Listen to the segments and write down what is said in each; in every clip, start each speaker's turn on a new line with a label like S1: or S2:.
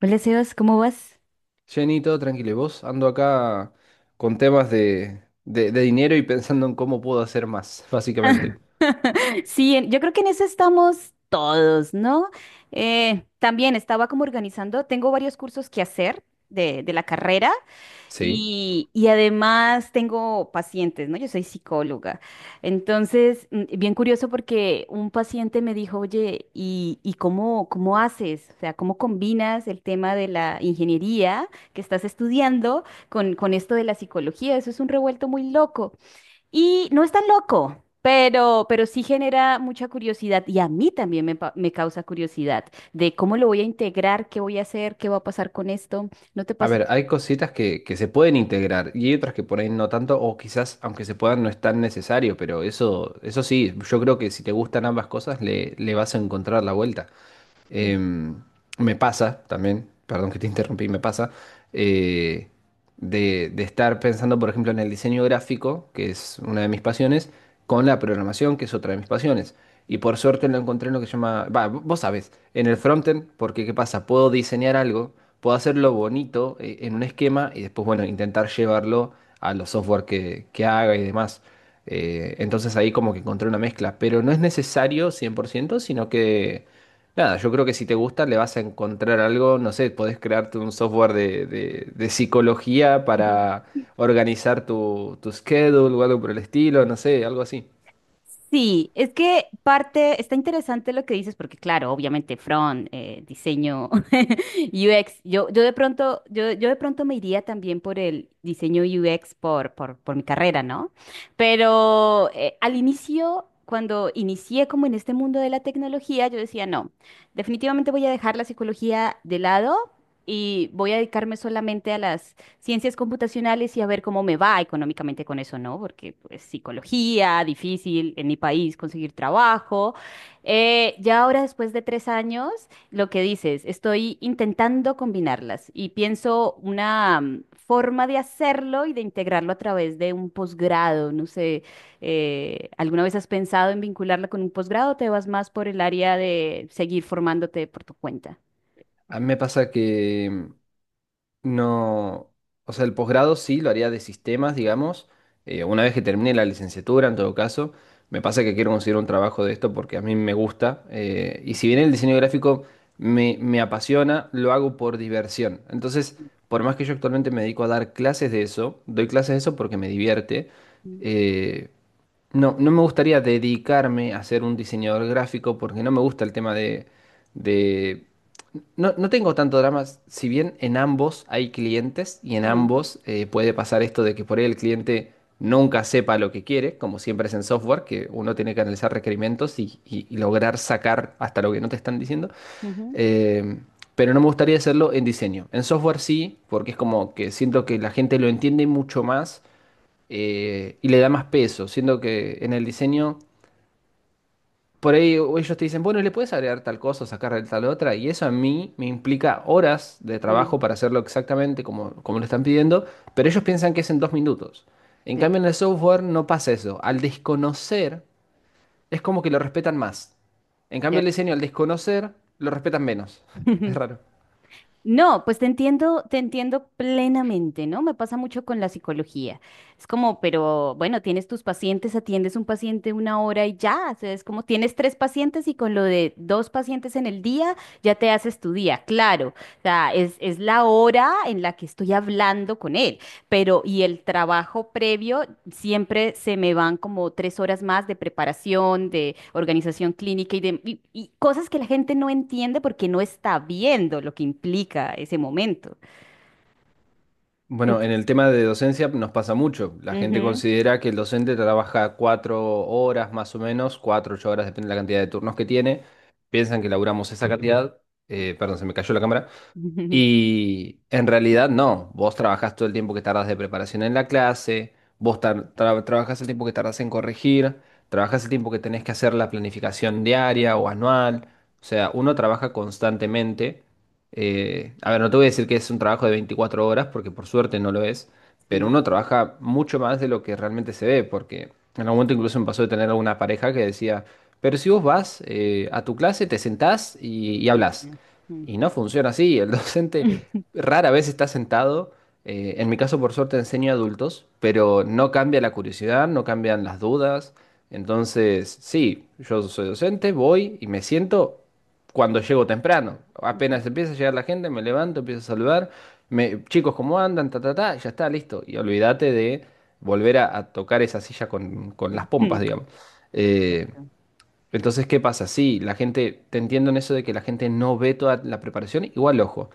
S1: Hola Sebas, ¿cómo vas?
S2: Jenny, todo tranquilo. ¿Y vos? Ando acá con temas de dinero y pensando en cómo puedo hacer más, básicamente.
S1: Sí, yo creo que en eso estamos todos, ¿no? También estaba como organizando, tengo varios cursos que hacer de la carrera
S2: Sí.
S1: y además tengo pacientes, ¿no? Yo soy psicóloga. Entonces, bien curioso porque un paciente me dijo, oye, ¿ y cómo, ¿cómo haces? O sea, ¿cómo combinas el tema de la ingeniería que estás estudiando con esto de la psicología? Eso es un revuelto muy loco. Y no es tan loco, pero sí genera mucha curiosidad y a mí también me causa curiosidad de cómo lo voy a integrar, qué voy a hacer, qué va a pasar con esto. ¿No te
S2: A
S1: pasa?
S2: ver, hay cositas que se pueden integrar y hay otras que por ahí no tanto, o quizás aunque se puedan no es tan necesario, pero eso sí, yo creo que si te gustan ambas cosas le vas a encontrar la vuelta. Em, Me pasa también, perdón que te interrumpí, me pasa eh, de estar pensando, por ejemplo, en el diseño gráfico, que es una de mis pasiones, con la programación, que es otra de mis pasiones. Y por suerte lo encontré en lo que se llama, va, vos sabés, en el frontend, porque ¿qué pasa? Puedo diseñar algo, puedo hacerlo bonito en un esquema y después, bueno, intentar llevarlo a los software que haga y demás. Entonces ahí como que encontré una mezcla, pero no es necesario 100% sino que nada, yo creo que si te gusta le vas a encontrar algo, no sé, podés crearte un software de psicología para organizar tu, tu schedule o algo por el estilo, no sé, algo así.
S1: Sí, es que parte, está interesante lo que dices, porque claro, obviamente front, diseño UX, yo de pronto, yo de pronto me iría también por el diseño UX por mi carrera, ¿no? Pero al inicio, cuando inicié como en este mundo de la tecnología, yo decía, no, definitivamente voy a dejar la psicología de lado y voy a dedicarme solamente a las ciencias computacionales y a ver cómo me va económicamente con eso, ¿no? Porque pues psicología, difícil en mi país conseguir trabajo. Ya ahora después de tres años, lo que dices, estoy intentando combinarlas y pienso una forma de hacerlo y de integrarlo a través de un posgrado. No sé, ¿alguna vez has pensado en vincularla con un posgrado o te vas más por el área de seguir formándote por tu cuenta?
S2: A mí me pasa que no, o sea, el posgrado sí lo haría de sistemas, digamos, una vez que termine la licenciatura, en todo caso, me pasa que quiero conseguir un trabajo de esto porque a mí me gusta, y si bien el diseño gráfico me apasiona, lo hago por diversión. Entonces, por más que yo actualmente me dedico a dar clases de eso, doy clases de eso porque me divierte,
S1: Mm,
S2: eh, no, no me gustaría dedicarme a ser un diseñador gráfico porque no me gusta el tema de no, no tengo tanto drama, si bien en ambos hay clientes y en
S1: mm,
S2: ambos puede pasar esto de que por ahí el cliente nunca sepa lo que quiere, como siempre es en software, que uno tiene que analizar requerimientos y, y lograr sacar hasta lo que no te están diciendo.
S1: ujú,
S2: Eh, pero no me gustaría hacerlo en diseño. En software sí, porque es como que siento que la gente lo entiende mucho más y le da más peso. Siento que en el diseño... Por ahí ellos te dicen, bueno, le puedes agregar tal cosa, o sacar tal otra, y eso a mí me implica horas de
S1: mm,
S2: trabajo para hacerlo exactamente como, como lo están pidiendo, pero ellos piensan que es en dos minutos. En
S1: sí,
S2: cambio, en el software no pasa eso. Al desconocer, es como que lo respetan más. En cambio, el diseño,
S1: cierto.
S2: al desconocer, lo respetan menos. Es
S1: Ujú.
S2: raro.
S1: No, pues te entiendo plenamente, ¿no? Me pasa mucho con la psicología. Es como, pero bueno, tienes tus pacientes, atiendes un paciente una hora y ya, o sea, es como tienes tres pacientes y con lo de dos pacientes en el día ya te haces tu día, claro. O sea, es la hora en la que estoy hablando con él pero y el trabajo previo siempre se me van como tres horas más de preparación, de organización clínica y y cosas que la gente no entiende porque no está viendo lo que implica ese momento.
S2: Bueno,
S1: Ent-
S2: en el tema de docencia nos pasa mucho. La gente
S1: Ujú.
S2: considera que el docente trabaja cuatro horas más o menos, cuatro, ocho horas, depende de la cantidad de turnos que tiene. Piensan que laburamos esa cantidad. Perdón, se me cayó la cámara.
S1: Ujú.
S2: Y en realidad no, vos trabajás todo el tiempo que tardas de preparación en la clase, vos trabajás el tiempo que tardas en corregir, trabajás el tiempo que tenés que hacer la planificación diaria o anual, o sea, uno trabaja constantemente. A ver, no te voy a decir que es un trabajo de 24 horas, porque por suerte no lo es, pero
S1: Sí.
S2: uno trabaja mucho más de lo que realmente se ve, porque en algún momento incluso me pasó de tener alguna pareja que decía, pero si vos vas a tu clase, te sentás y
S1: Sí,
S2: hablas.
S1: no. Mm.
S2: Y no funciona así. El docente rara vez está sentado. En mi caso, por suerte, enseño a adultos, pero no cambia la curiosidad, no cambian las dudas. Entonces, sí, yo soy docente, voy y me siento cuando llego temprano. Apenas empieza a llegar la gente, me levanto, empiezo a saludar. Me, chicos, ¿cómo andan? Ta, ta, ta, ya está, listo. Y olvídate de volver a tocar esa silla con las pompas,
S1: Ujú.
S2: digamos. Eh,
S1: Cierto.
S2: entonces, ¿qué pasa? Sí, la gente, te entiendo en eso de que la gente no ve toda la preparación. Igual, ojo,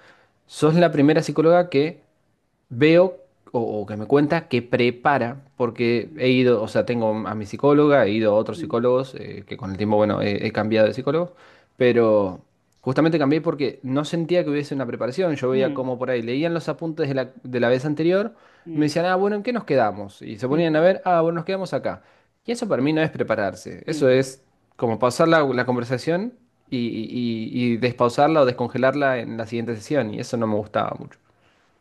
S2: sos la primera psicóloga que veo o que me cuenta que prepara, porque
S1: Mm,
S2: he ido, o sea, tengo a mi psicóloga, he ido a otros psicólogos, que con el tiempo, bueno, he cambiado de psicólogo, pero justamente cambié porque no sentía que hubiese una preparación. Yo veía
S1: mm,
S2: como por ahí, leían los apuntes de la vez anterior, me
S1: mm,
S2: decían, ah, bueno, ¿en qué nos quedamos? Y se
S1: mm,
S2: ponían a
S1: ujú.
S2: ver, ah, bueno, nos quedamos acá. Y eso para mí no es prepararse, eso
S1: No.
S2: es como pausar la, la conversación y, y despausarla o descongelarla en la siguiente sesión, y eso no me gustaba mucho.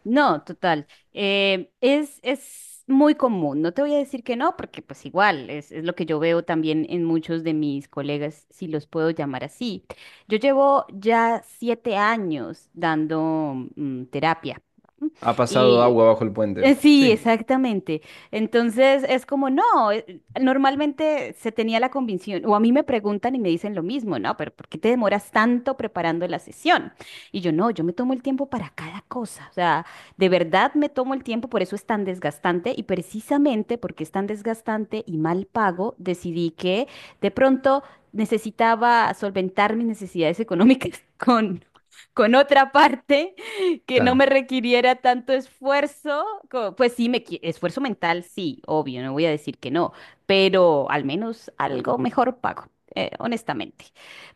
S1: No, total. Es muy común. No te voy a decir que no, porque pues igual es lo que yo veo también en muchos de mis colegas, si los puedo llamar así. Yo llevo ya siete años dando terapia. ¿M?
S2: Ha pasado
S1: Y
S2: agua bajo el puente.
S1: sí,
S2: Sí,
S1: exactamente. Entonces es como, no, normalmente se tenía la convicción, o a mí me preguntan y me dicen lo mismo, ¿no? Pero ¿por qué te demoras tanto preparando la sesión? Y yo, no, yo me tomo el tiempo para cada cosa, o sea, de verdad me tomo el tiempo, por eso es tan desgastante y precisamente porque es tan desgastante y mal pago, decidí que de pronto necesitaba solventar mis necesidades económicas con otra parte que no me
S2: claro.
S1: requiriera tanto esfuerzo, pues sí, esfuerzo mental, sí, obvio, no voy a decir que no, pero al menos algo mejor pago, honestamente.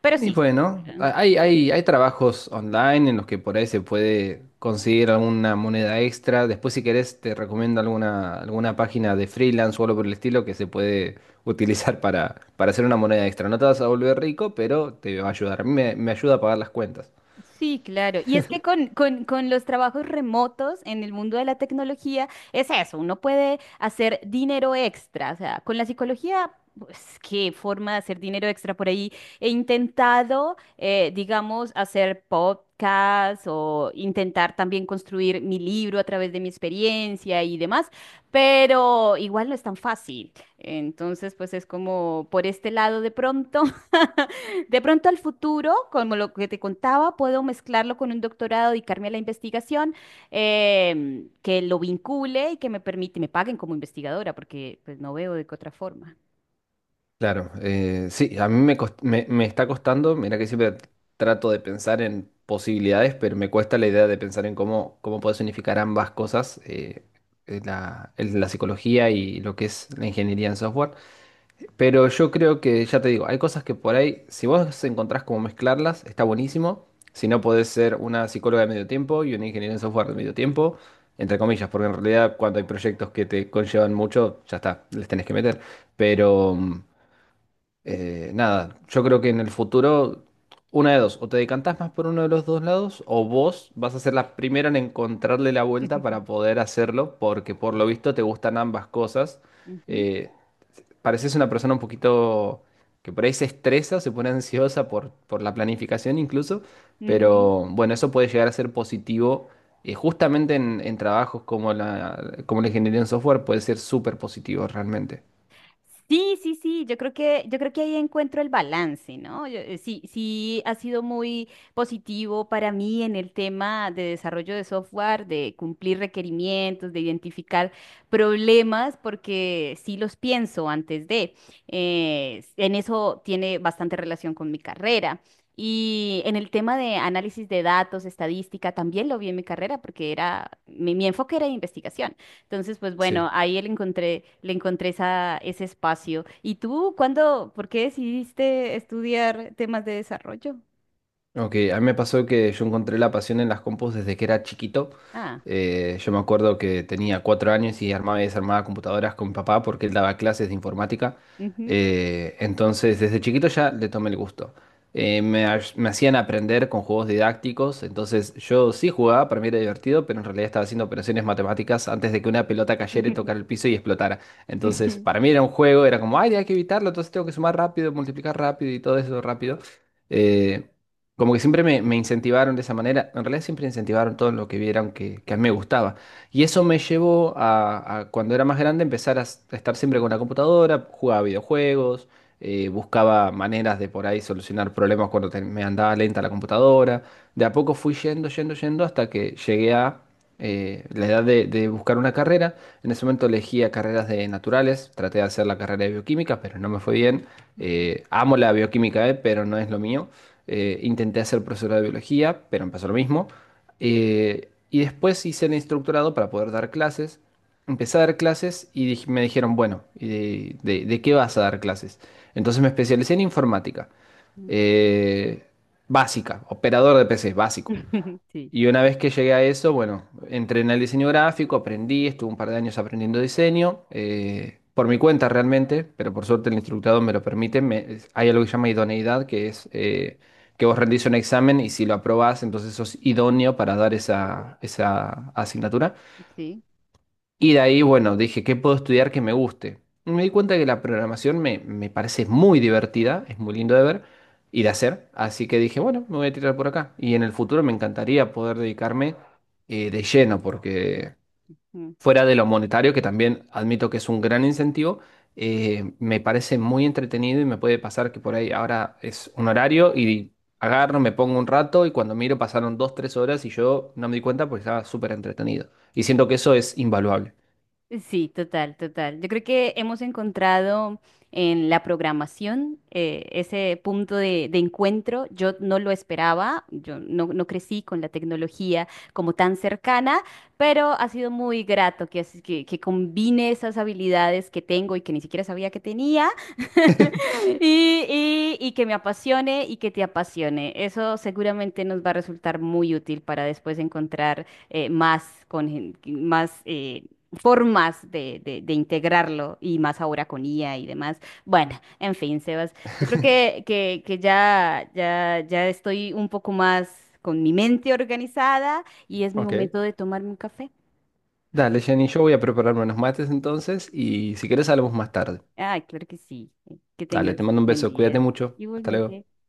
S1: Pero
S2: Y
S1: sí.
S2: bueno,
S1: em,
S2: a- hay, hay trabajos online en los que por ahí se puede conseguir alguna moneda extra. Después, si querés, te recomiendo alguna, alguna página de freelance o algo por el estilo que se puede utilizar para hacer una moneda extra. No te vas a volver rico, pero te va a ayudar. A mí me ayuda a pagar las cuentas.
S1: Sí, claro. Y es que con los trabajos remotos en el mundo de la tecnología es eso, uno puede hacer dinero extra. O sea, con la psicología, pues qué forma de hacer dinero extra por ahí. He intentado, digamos, hacer podcasts o intentar también construir mi libro a través de mi experiencia y demás, pero igual no es tan fácil. Entonces, pues es como por este lado de pronto. De pronto al futuro, como lo que te contaba, puedo mezclarlo con un doctorado, dedicarme a la investigación, que lo vincule y que me permite, me paguen como investigadora, porque pues no veo de qué otra forma.
S2: Claro, sí, a mí me está costando, mira que siempre trato de pensar en posibilidades, pero me cuesta la idea de pensar en cómo, cómo puedes unificar ambas cosas, la, la psicología y lo que es la ingeniería en software. Pero yo creo que, ya te digo, hay cosas que por ahí, si vos encontrás cómo mezclarlas, está buenísimo. Si no, podés ser una psicóloga de medio tiempo y una ingeniera en software de medio tiempo, entre comillas, porque en realidad cuando hay proyectos que te conllevan mucho, ya está, les tenés que meter. Pero... nada, yo creo que en el futuro, una de dos, o te decantás más por uno de los dos lados, o vos vas a ser la primera en encontrarle la vuelta para poder hacerlo, porque por lo visto te gustan ambas cosas.
S1: Ujú,
S2: Eh, Pareces una persona un poquito que por ahí se estresa, se pone ansiosa por la planificación incluso,
S1: ujú,
S2: pero bueno, eso puede llegar a ser positivo. Justamente en trabajos como la ingeniería en software puede ser súper positivo realmente.
S1: sí, yo creo que ahí encuentro el balance, ¿no? Sí, sí ha sido muy positivo para mí en el tema de desarrollo de software, de cumplir requerimientos, de identificar problemas, porque sí los pienso antes de. En eso tiene bastante relación con mi carrera. Y en el tema de análisis de datos, estadística, también lo vi en mi carrera porque era, mi enfoque era de investigación. Entonces, pues bueno,
S2: Sí.
S1: ahí le encontré esa, ese espacio. ¿Y tú cuándo, por qué decidiste estudiar temas de desarrollo?
S2: Ok, a mí me pasó que yo encontré la pasión en las compus desde que era chiquito.
S1: Ah,
S2: Yo me acuerdo que tenía cuatro años y armaba y desarmaba computadoras con mi papá porque él daba clases de informática.
S1: ujú.
S2: Entonces, desde chiquito ya le tomé el gusto. Me hacían aprender con juegos didácticos, entonces yo sí jugaba, para mí era divertido, pero en realidad estaba haciendo operaciones matemáticas antes de que una pelota cayera y tocara el piso y explotara. Entonces,
S1: Ujú,
S2: para mí era un juego, era como, ay, hay que evitarlo, entonces tengo que sumar rápido, multiplicar rápido y todo eso rápido. Eh, Como que siempre me incentivaron de esa manera, en realidad siempre incentivaron todo lo que vieran que a mí me gustaba. Y eso me llevó a cuando era más grande empezar a a estar siempre con la computadora, jugaba videojuegos, buscaba maneras de por ahí solucionar problemas cuando me andaba lenta la computadora. De a poco fui yendo, yendo, yendo hasta que llegué a la edad de buscar una carrera. En ese momento elegía carreras de naturales, traté de hacer la carrera de bioquímica, pero no me fue bien.
S1: ujú,
S2: Amo la bioquímica, pero no es lo mío. Intenté hacer profesora de biología, pero empezó lo mismo. Y después hice el instructorado para poder dar clases. Empecé a dar clases y me dijeron, bueno, ¿y de, de qué vas a dar clases? Entonces me especialicé en informática.
S1: ujú.
S2: eh, Básica, operador de PC, básico.
S1: Sí,
S2: Y una vez que llegué a eso, bueno, entré en el diseño gráfico, aprendí, estuve un par de años aprendiendo diseño, por mi cuenta realmente, pero por suerte el instructor me lo permite. Hay algo que se llama idoneidad, que es que vos rendís un examen y si lo aprobás, entonces sos idóneo para dar esa, esa asignatura.
S1: sí.
S2: Y de ahí, bueno, dije, ¿qué puedo estudiar que me guste? Y me di cuenta que la programación me parece muy divertida, es muy lindo de ver y de hacer, así que dije, bueno, me voy a tirar por acá. Y en el futuro me encantaría poder dedicarme de lleno, porque fuera de lo monetario, que también admito que es un gran incentivo, me parece muy entretenido y me puede pasar que por ahí ahora es un horario y agarro, me pongo un rato y cuando miro pasaron dos, tres horas y yo no me di cuenta porque estaba súper entretenido. Y siento que eso es invaluable.
S1: Sí, total, total. Yo creo que hemos encontrado en la programación ese punto de encuentro. Yo no lo esperaba, yo no, no crecí con la tecnología como tan cercana, pero ha sido muy grato que combine esas habilidades que tengo y que ni siquiera sabía que tenía y que me apasione y que te apasione. Eso seguramente nos va a resultar muy útil para después encontrar más formas de integrarlo y más ahora con IA y demás. Bueno, en fin, Sebas, yo creo que ya, ya estoy un poco más con mi mente organizada y es mi
S2: Ok.
S1: momento de tomarme un café.
S2: Dale, Jenny, yo voy a prepararme unos mates entonces y si quieres hablamos más tarde.
S1: Ay, claro que sí. Que
S2: Dale, te
S1: tengas
S2: mando un
S1: buen
S2: beso, cuídate
S1: día.
S2: mucho. Hasta luego.
S1: Igualmente.